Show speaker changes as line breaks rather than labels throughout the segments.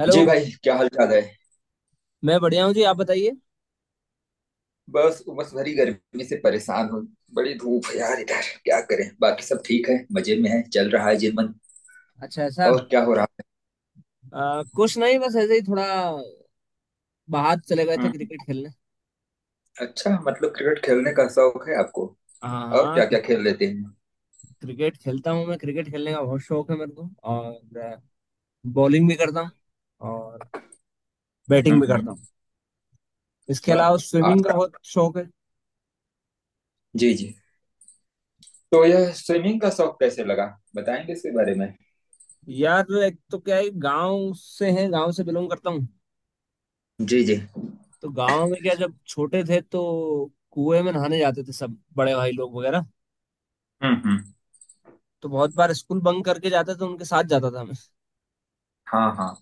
Hello.
जी भाई क्या हाल चाल है।
मैं बढ़िया हूँ जी, आप बताइए।
बस उमस भरी गर्मी से परेशान हूँ। बड़ी धूप है यार, इधर क्या करें, बाकी सब ठीक है, मजे में है, चल रहा है जीवन।
अच्छा, ऐसा।
और क्या हो रहा
कुछ नहीं, बस ऐसे ही थोड़ा बाहर चले गए
है।
थे
हम्म।
क्रिकेट खेलने।
अच्छा मतलब क्रिकेट खेलने का शौक है आपको।
हाँ
और
हाँ,
क्या क्या
क्रिकेट।
खेल लेते हैं। हम्म।
क्रिकेट खेलता हूँ मैं, क्रिकेट खेलने का बहुत शौक है मेरे को। और बॉलिंग भी करता हूँ, और
हम्म,
बैटिंग भी करता
हम्म।
हूँ। इसके अलावा
वाह।
स्विमिंग
आज
का बहुत शौक है।
जी जी, तो यह स्विमिंग का शौक कैसे लगा, बताएंगे इसके बारे में।
यार एक तो क्या है, गांव से है, गांव से बिलोंग करता हूँ।
जी जी।
तो गांव में क्या, जब छोटे थे तो कुएं में नहाने जाते थे सब बड़े भाई लोग वगैरह।
हम्म।
तो बहुत बार स्कूल बंक करके जाते थे, उनके साथ जाता था मैं।
हाँ हाँ।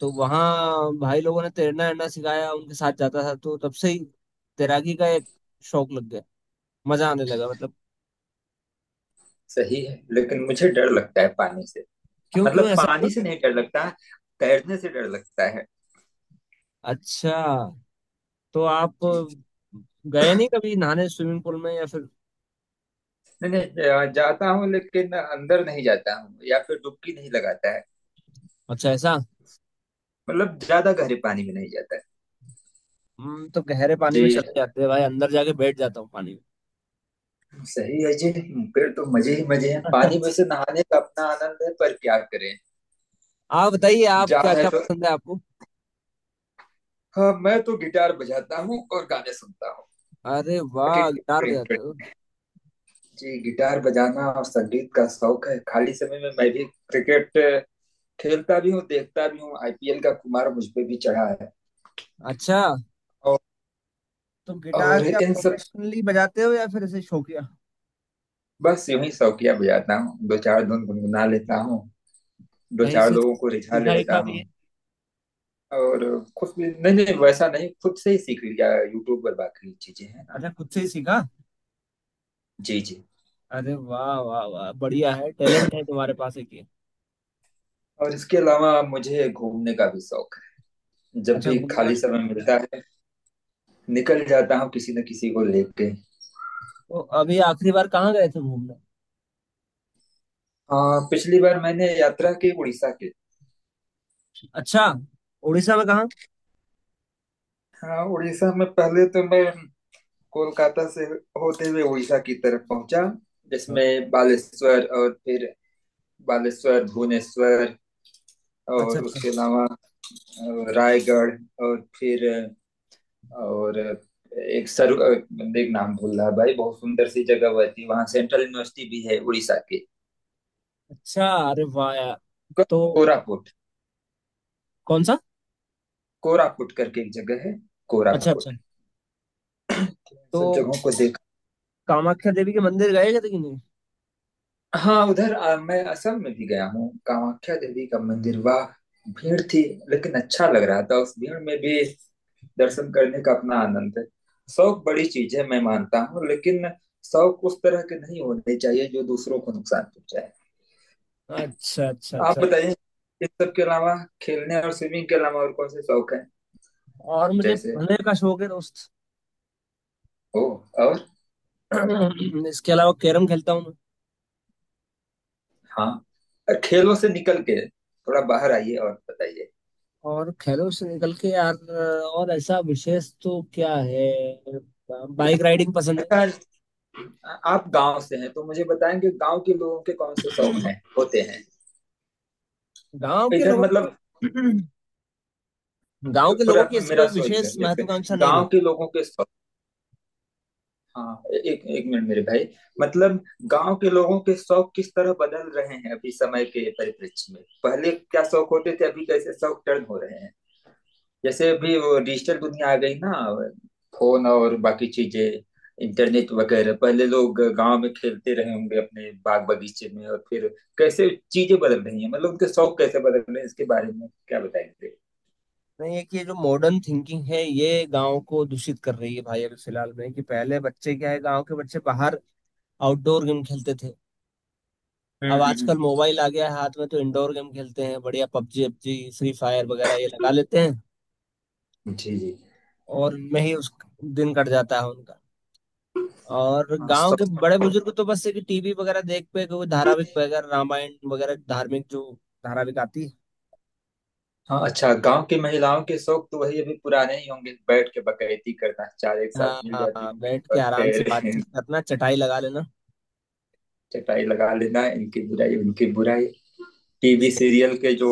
तो वहाँ भाई लोगों ने तैरना वैरना सिखाया, उनके साथ जाता था, तो तब से ही तैराकी का एक शौक लग गया, मजा आने लगा मतलब।
सही है, लेकिन मुझे डर लगता है पानी से।
क्यों क्यों,
मतलब
ऐसा
पानी
क्यों।
से नहीं डर लगता, तैरने से डर लगता
अच्छा, तो आप
है।
गए नहीं कभी नहाने स्विमिंग पूल में या फिर।
नहीं नहीं, जाता हूँ लेकिन अंदर नहीं जाता हूँ या फिर डुबकी नहीं लगाता है।
अच्छा, ऐसा।
मतलब ज्यादा गहरे पानी में नहीं जाता है।
हम तो गहरे पानी में
जी।
चले जाते हैं भाई, अंदर जाके बैठ जाता हूँ पानी
सही है जी। फिर तो मजे ही मजे हैं,
में।
पानी में से नहाने का अपना आनंद है, पर क्या करें,
आप बताइए, आप क्या
जान है
क्या
तो।
पसंद है आपको।
हाँ, मैं तो गिटार बजाता हूँ और गाने सुनता हूँ।
अरे वाह,
टिन-
गिटार
टिन-
बजाते हो।
टिन। जी, गिटार बजाना और संगीत का शौक है। खाली समय में मैं भी क्रिकेट खेलता भी हूँ, देखता भी हूँ। आईपीएल का कुमार मुझ पे भी चढ़ा है।
अच्छा,
और,
तो गिटार
और
क्या
इन सब,
प्रोफेशनली बजाते हो या फिर ऐसे शौकिया।
बस यूं ही शौकिया बजाता हूँ, दो चार धुन गुनगुना लेता हूँ, दो
कहीं
चार
से
लोगों को रिझा
सीखा
लेता
वीखा भी है।
हूँ। और खुद, नहीं नहीं, वैसा नहीं, खुद से ही सीख लिया यूट्यूब पर, बाकी चीजें हैं ना।
अच्छा, खुद से ही सीखा।
जी जी।
अरे वाह वाह वाह, बढ़िया है, टैलेंट है तुम्हारे पास एक ये।
और इसके अलावा मुझे घूमने का भी शौक है। जब
अच्छा,
भी
घूमने का
खाली
शौक।
समय मिलता है निकल जाता हूँ किसी न किसी को लेके।
तो अभी आखिरी बार कहाँ गए थे घूमने।
हाँ, पिछली बार मैंने यात्रा की उड़ीसा की।
अच्छा, उड़ीसा में कहाँ।
हाँ, उड़ीसा में, पहले तो मैं कोलकाता से होते हुए उड़ीसा की तरफ पहुंचा,
हाँ।
जिसमें बालेश्वर और फिर बालेश्वर, भुवनेश्वर,
अच्छा
और
अच्छा
उसके अलावा रायगढ़, और फिर अ, और अ, एक सर अ, एक नाम भूल रहा भाई, बहुत सुंदर सी जगह हुआ थी वहां, सेंट्रल यूनिवर्सिटी भी है उड़ीसा की।
अच्छा, अरे वाह यार।
को-
तो
कोरापुट,
कौन सा।
कोरापुट करके एक जगह है,
अच्छा अच्छा।
कोरापुट। इन सब
तो
जगहों को देख।
कामाख्या देवी के मंदिर गए थे कि नहीं।
हाँ, उधर मैं असम में भी गया हूँ, कामाख्या देवी का मंदिर। वाह, भीड़ थी लेकिन अच्छा लग रहा था उस भीड़ में भी। दर्शन करने का अपना आनंद है। शौक बड़ी चीज है, मैं मानता हूँ, लेकिन शौक उस तरह के नहीं होने चाहिए जो दूसरों को नुकसान पहुंचाए।
अच्छा अच्छा
आप
अच्छा।
बताइए, इस सब के अलावा, खेलने और स्विमिंग के अलावा और कौन से शौक है।
और मुझे
जैसे,
पढ़ने का शौक है दोस्त।
ओ और,
इसके अलावा कैरम खेलता हूँ मैं।
हाँ, और खेलों से निकल के थोड़ा बाहर आइए और बताइए।
और खेलों से निकल के यार, और ऐसा विशेष तो क्या है। बाइक राइडिंग पसंद है।
अच्छा, आप गांव से हैं तो मुझे बताएंगे गांव के लोगों के कौन से शौक हैं, होते हैं
गांव के
इधर
लोगों को
मतलब।
गांव के
पूरा
लोगों की ऐसी
मेरा
कोई
सो, एक
विशेष
मिनट, एक
महत्वाकांक्षा
सेकंड।
नहीं
गांव
रहती।
के लोगों के शौक, हाँ, एक एक मिनट मेरे भाई। मतलब गांव के लोगों के शौक किस तरह बदल रहे हैं अभी समय के परिप्रेक्ष्य में। पहले क्या शौक होते थे, अभी कैसे शौक टर्न हो रहे हैं। जैसे अभी वो डिजिटल दुनिया आ गई ना, फोन और बाकी चीजें, इंटरनेट वगैरह। पहले लोग गांव में खेलते रहे होंगे अपने बाग बगीचे में, और फिर कैसे चीजें बदल रही हैं, मतलब उनके शौक कैसे बदल रहे हैं, इसके बारे में क्या बताएंगे।
नहीं है कि ये जो मॉडर्न थिंकिंग है ये गांव को दूषित कर रही है भाई, अभी फिलहाल में कि पहले बच्चे क्या है, गांव के बच्चे बाहर आउटडोर गेम खेलते थे।
हम्म
अब
हम्म हम्म।
आजकल मोबाइल आ गया है हाथ में तो इंडोर गेम खेलते हैं, बढ़िया पबजी, पबजी फ्री फायर वगैरह ये लगा लेते हैं।
जी जी।
और उनमें ही उस दिन कट जाता है उनका। और
हाँ
गांव के
शौक।
बड़े बुजुर्ग तो बस है कि टीवी वगैरह देख पे, कोई धारावाहिक वगैरह, रामायण वगैरह धार्मिक जो धारावाहिक आती है।
हाँ, अच्छा गांव की महिलाओं के शौक तो वही अभी पुराने ही होंगे, बैठ के बकैती करना, चार एक साथ
हाँ
मिल जाती
हाँ,
होंगे
बैठ के
और
आराम से
फिर
बातचीत करना, चटाई लगा लेना।
चटाई लगा लेना, इनकी बुराई, उनकी बुराई। टीवी सीरियल के जो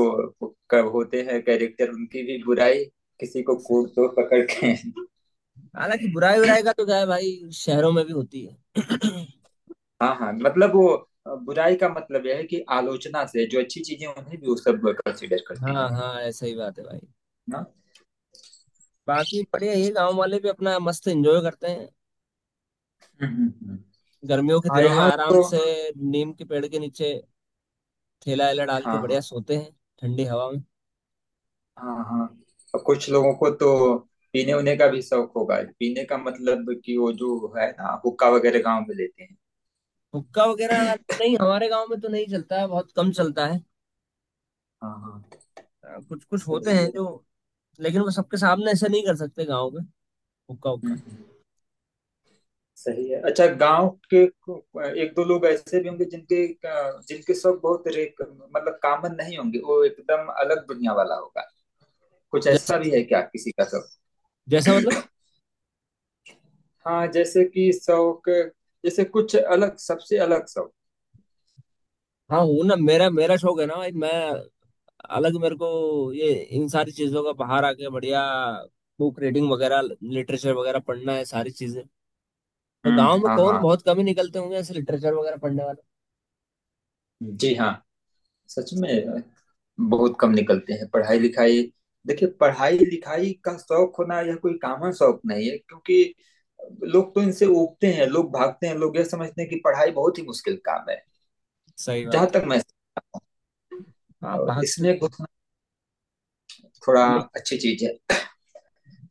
होते हैं कैरेक्टर, उनकी भी बुराई, किसी को
सही।
कोट तो पकड़ के
हालांकि बुराई उराई का तो क्या है भाई, शहरों में भी होती है।
हाँ हाँ, मतलब वो बुराई का मतलब यह है कि आलोचना से जो अच्छी चीजें, उन्हें भी वो सब कंसिडर करती
हाँ
हैं
हाँ, ऐसा ही बात है भाई।
ना।
बाकी बढ़िया, ये गांव वाले भी अपना मस्त एंजॉय करते हैं।
हम्म हम्म, हम्म।
गर्मियों के
हाँ,
दिनों में
यहाँ
आराम
तो
से नीम के पेड़ के नीचे ठेला वेला डाल के
हाँ हाँ,
बढ़िया सोते हैं, ठंडी हवा में।
हाँ हाँ। और कुछ लोगों को तो पीने उने का भी शौक होगा, पीने का मतलब कि वो जो है ना, हुक्का वगैरह गांव में लेते हैं।
हुक्का वगैरह नहीं, हमारे गांव में तो नहीं चलता है, बहुत कम चलता है।
हाँ हाँ।
कुछ कुछ होते
सही
हैं
है।
जो, लेकिन वो सबके सामने ऐसे नहीं कर सकते गाँव में, हुक्का
हम्म,
हुक्का।
हम्म। सही है। अच्छा, गांव के एक दो लोग ऐसे भी होंगे जिनके शौक बहुत रेक, मतलब कॉमन नहीं होंगे, वो एकदम अलग दुनिया वाला होगा। कुछ ऐसा भी
जैसे,
है क्या किसी का शौक।
जैसा मतलब।
हाँ, जैसे कि शौक, जैसे कुछ अलग, सबसे अलग शौक।
हाँ हूँ ना, मेरा मेरा शौक है ना भाई, मैं अलग, मेरे को ये इन सारी चीजों का बाहर आके बढ़िया बुक रीडिंग वगैरह, लिटरेचर वगैरह पढ़ना है सारी चीजें। तो गांव
हम्म,
में
हाँ
कौन
हाँ।
बहुत कम ही निकलते होंगे ऐसे लिटरेचर वगैरह पढ़ने वाले।
जी हाँ, सच में बहुत कम निकलते हैं पढ़ाई लिखाई। देखिए, पढ़ाई लिखाई का शौक होना यह कोई कॉमन शौक नहीं है, क्योंकि लोग तो इनसे उबते हैं, लोग भागते हैं, लोग यह समझते हैं कि पढ़ाई बहुत ही मुश्किल काम है।
सही
जहां
बात है।
तक मैं,
हाँ,
और
भागते।
इसमें घुसना थोड़ा
ले-।
अच्छी चीज है।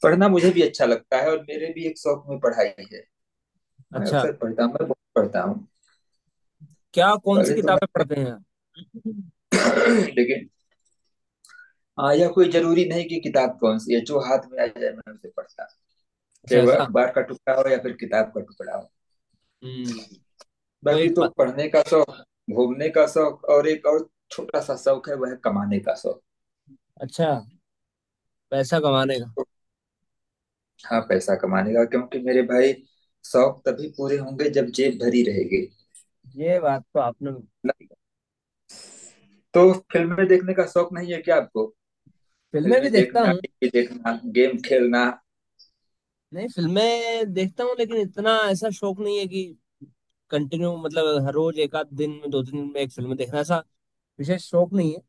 पढ़ना मुझे भी अच्छा लगता है और मेरे भी एक शौक में पढ़ाई है। मैं
अच्छा,
अक्सर पढ़ता हूँ, मैं बहुत पढ़ता हूँ।
क्या कौन सी
पहले तो मैं
किताबें पढ़ते हैं आप?
लेकिन हाँ, यह कोई जरूरी नहीं कि किताब कौन सी है, जो हाथ में आ जाए मैं उसे पढ़ता हूँ,
अच्छा,
चाहे वो
ऐसा।
अखबार का टुकड़ा हो या फिर किताब का टुकड़ा हो।
हम्म। कोई
बाकी तो
प...।
पढ़ने का शौक, घूमने का शौक, और एक और छोटा सा शौक है, वह है कमाने का शौक।
अच्छा, पैसा कमाने का।
तो हाँ, पैसा कमाने का, क्योंकि मेरे भाई शौक तभी पूरे होंगे जब जेब भरी रहेगी।
ये बात तो आपने।
न- तो फिल्में देखने का शौक नहीं है क्या आपको,
फिल्में भी
फिल्में
देखता
देखना,
हूँ।
टीवी देखना, गेम खेलना।
नहीं फिल्में देखता हूँ, लेकिन इतना ऐसा शौक नहीं है कि कंटिन्यू, मतलब हर रोज एक आध दिन में, दो तीन दिन में एक फिल्म देखना, ऐसा विशेष शौक नहीं है।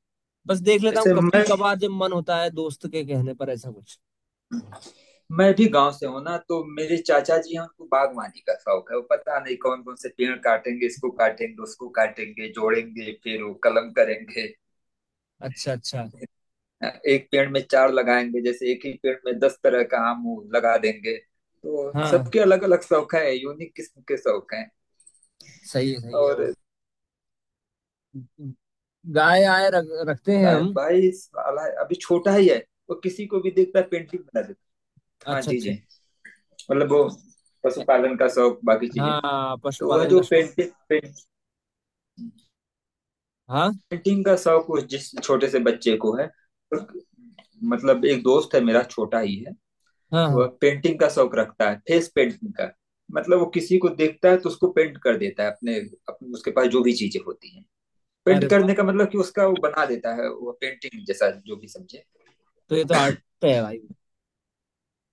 बस देख लेता हूँ
जैसे
कभी
मैं
कभार जब मन होता है, दोस्त के कहने पर ऐसा कुछ।
मैं भी गांव से हूं ना, तो मेरे चाचा जी हैं, उनको बागवानी का शौक है। वो पता नहीं कौन कौन से पेड़ काटेंगे, इसको काटेंगे, उसको काटेंगे, जोड़ेंगे, फिर वो कलम करेंगे,
अच्छा अच्छा।
एक पेड़ में चार लगाएंगे, जैसे एक ही पेड़ में 10 तरह का आम लगा देंगे। तो
हाँ,
सबके अलग अलग शौक है, यूनिक किस्म के शौक हैं।
सही है सही है, वो
और
गाय आए रख, रखते हैं
ताहिर
हम।
भाई साला अभी छोटा ही है, वो किसी को भी देखता है पेंटिंग बना देता है। हाँ
अच्छा
जी
अच्छा।
जी, मतलब वो पशुपालन का शौक बाकी चीजें।
हाँ,
तो वह
पशुपालन
जो
का शौक।
पेंटिंग
हाँ
पेंटिंग का शौक उस जिस छोटे से बच्चे को है, और मतलब एक दोस्त है मेरा, छोटा ही है,
हाँ
तो वह
हाँ,
पेंटिंग का शौक रखता है, फेस पेंटिंग का। मतलब वो किसी को देखता है तो उसको पेंट कर देता है अपने उसके पास जो भी चीजें होती हैं, पेंट
अरे वाह,
करने का मतलब कि उसका वो बना देता है, वो पेंटिंग जैसा, जो भी समझे।
तो ये तो आर्ट पे है भाई।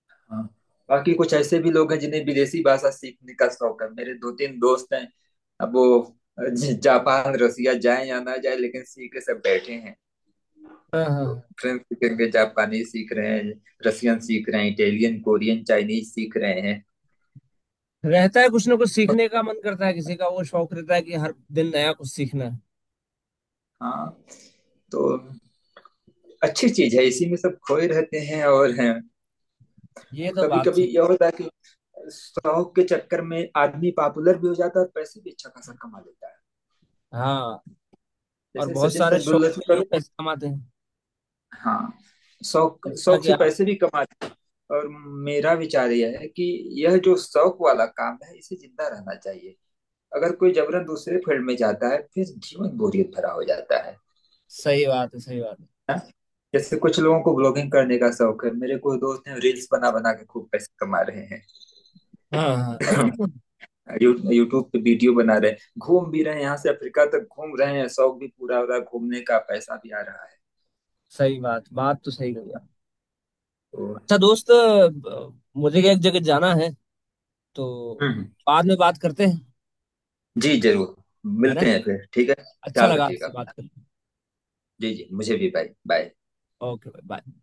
हाँ, बाकी कुछ ऐसे भी लोग हैं जिन्हें विदेशी भाषा सीखने का शौक है, मेरे दो तीन दोस्त हैं, अब वो जापान रसिया जाए या ना जाए लेकिन सीख के सब बैठे हैं।
हाँ हाँ
तो
हाँ।
फ्रेंच सीखेंगे, जापानी सीख रहे हैं, रसियन सीख रहे हैं, इटालियन, कोरियन, चाइनीज सीख रहे हैं।
रहता है कुछ ना कुछ सीखने का मन करता है, किसी का वो शौक रहता है कि हर दिन नया कुछ सीखना है।
हाँ। तो अच्छी चीज है, इसी में सब खोए रहते हैं और हैं।
ये तो
कभी
बात
कभी
सही
यह होता है कि शौक के चक्कर में आदमी पॉपुलर भी हो जाता है और पैसे भी अच्छा खासा कमा लेता है,
है। हाँ। और
जैसे
बहुत
सचिन
सारे शौक के
तेंदुलकर।
लिए पैसे कमाते हैं।
हाँ, शौक
जैसा
शौक
कि
से
आप।
पैसे भी कमाते हैं। और मेरा विचार यह है कि यह जो शौक वाला काम है इसे जिंदा रहना चाहिए। अगर कोई जबरन दूसरे फील्ड में जाता है फिर जीवन बोरियत भरा हो जाता है।
सही बात है सही बात है।
है जैसे कुछ लोगों को ब्लॉगिंग करने का शौक है, मेरे कोई दोस्त हैं रील्स बना बना के खूब पैसे कमा रहे हैं।
हाँ हाँ।
यूट्यूब पे वीडियो बना रहे हैं, घूम भी रहे हैं, यहाँ से अफ्रीका तक घूम रहे हैं, शौक भी पूरा हो रहा है, घूमने का पैसा भी आ रहा है।
सही बात, बात तो सही कही आप।
तो।
अच्छा दोस्त, मुझे एक जगह जाना है, तो
हम्म।
बाद में बात करते हैं।
जी जरूर,
है ना,
मिलते हैं फिर, ठीक है,
अच्छा
ख्याल
लगा
रखिएगा
आपसे बात
अपना।
करके।
जी जी, मुझे भी, बाय बाय।
ओके भाई, बाय।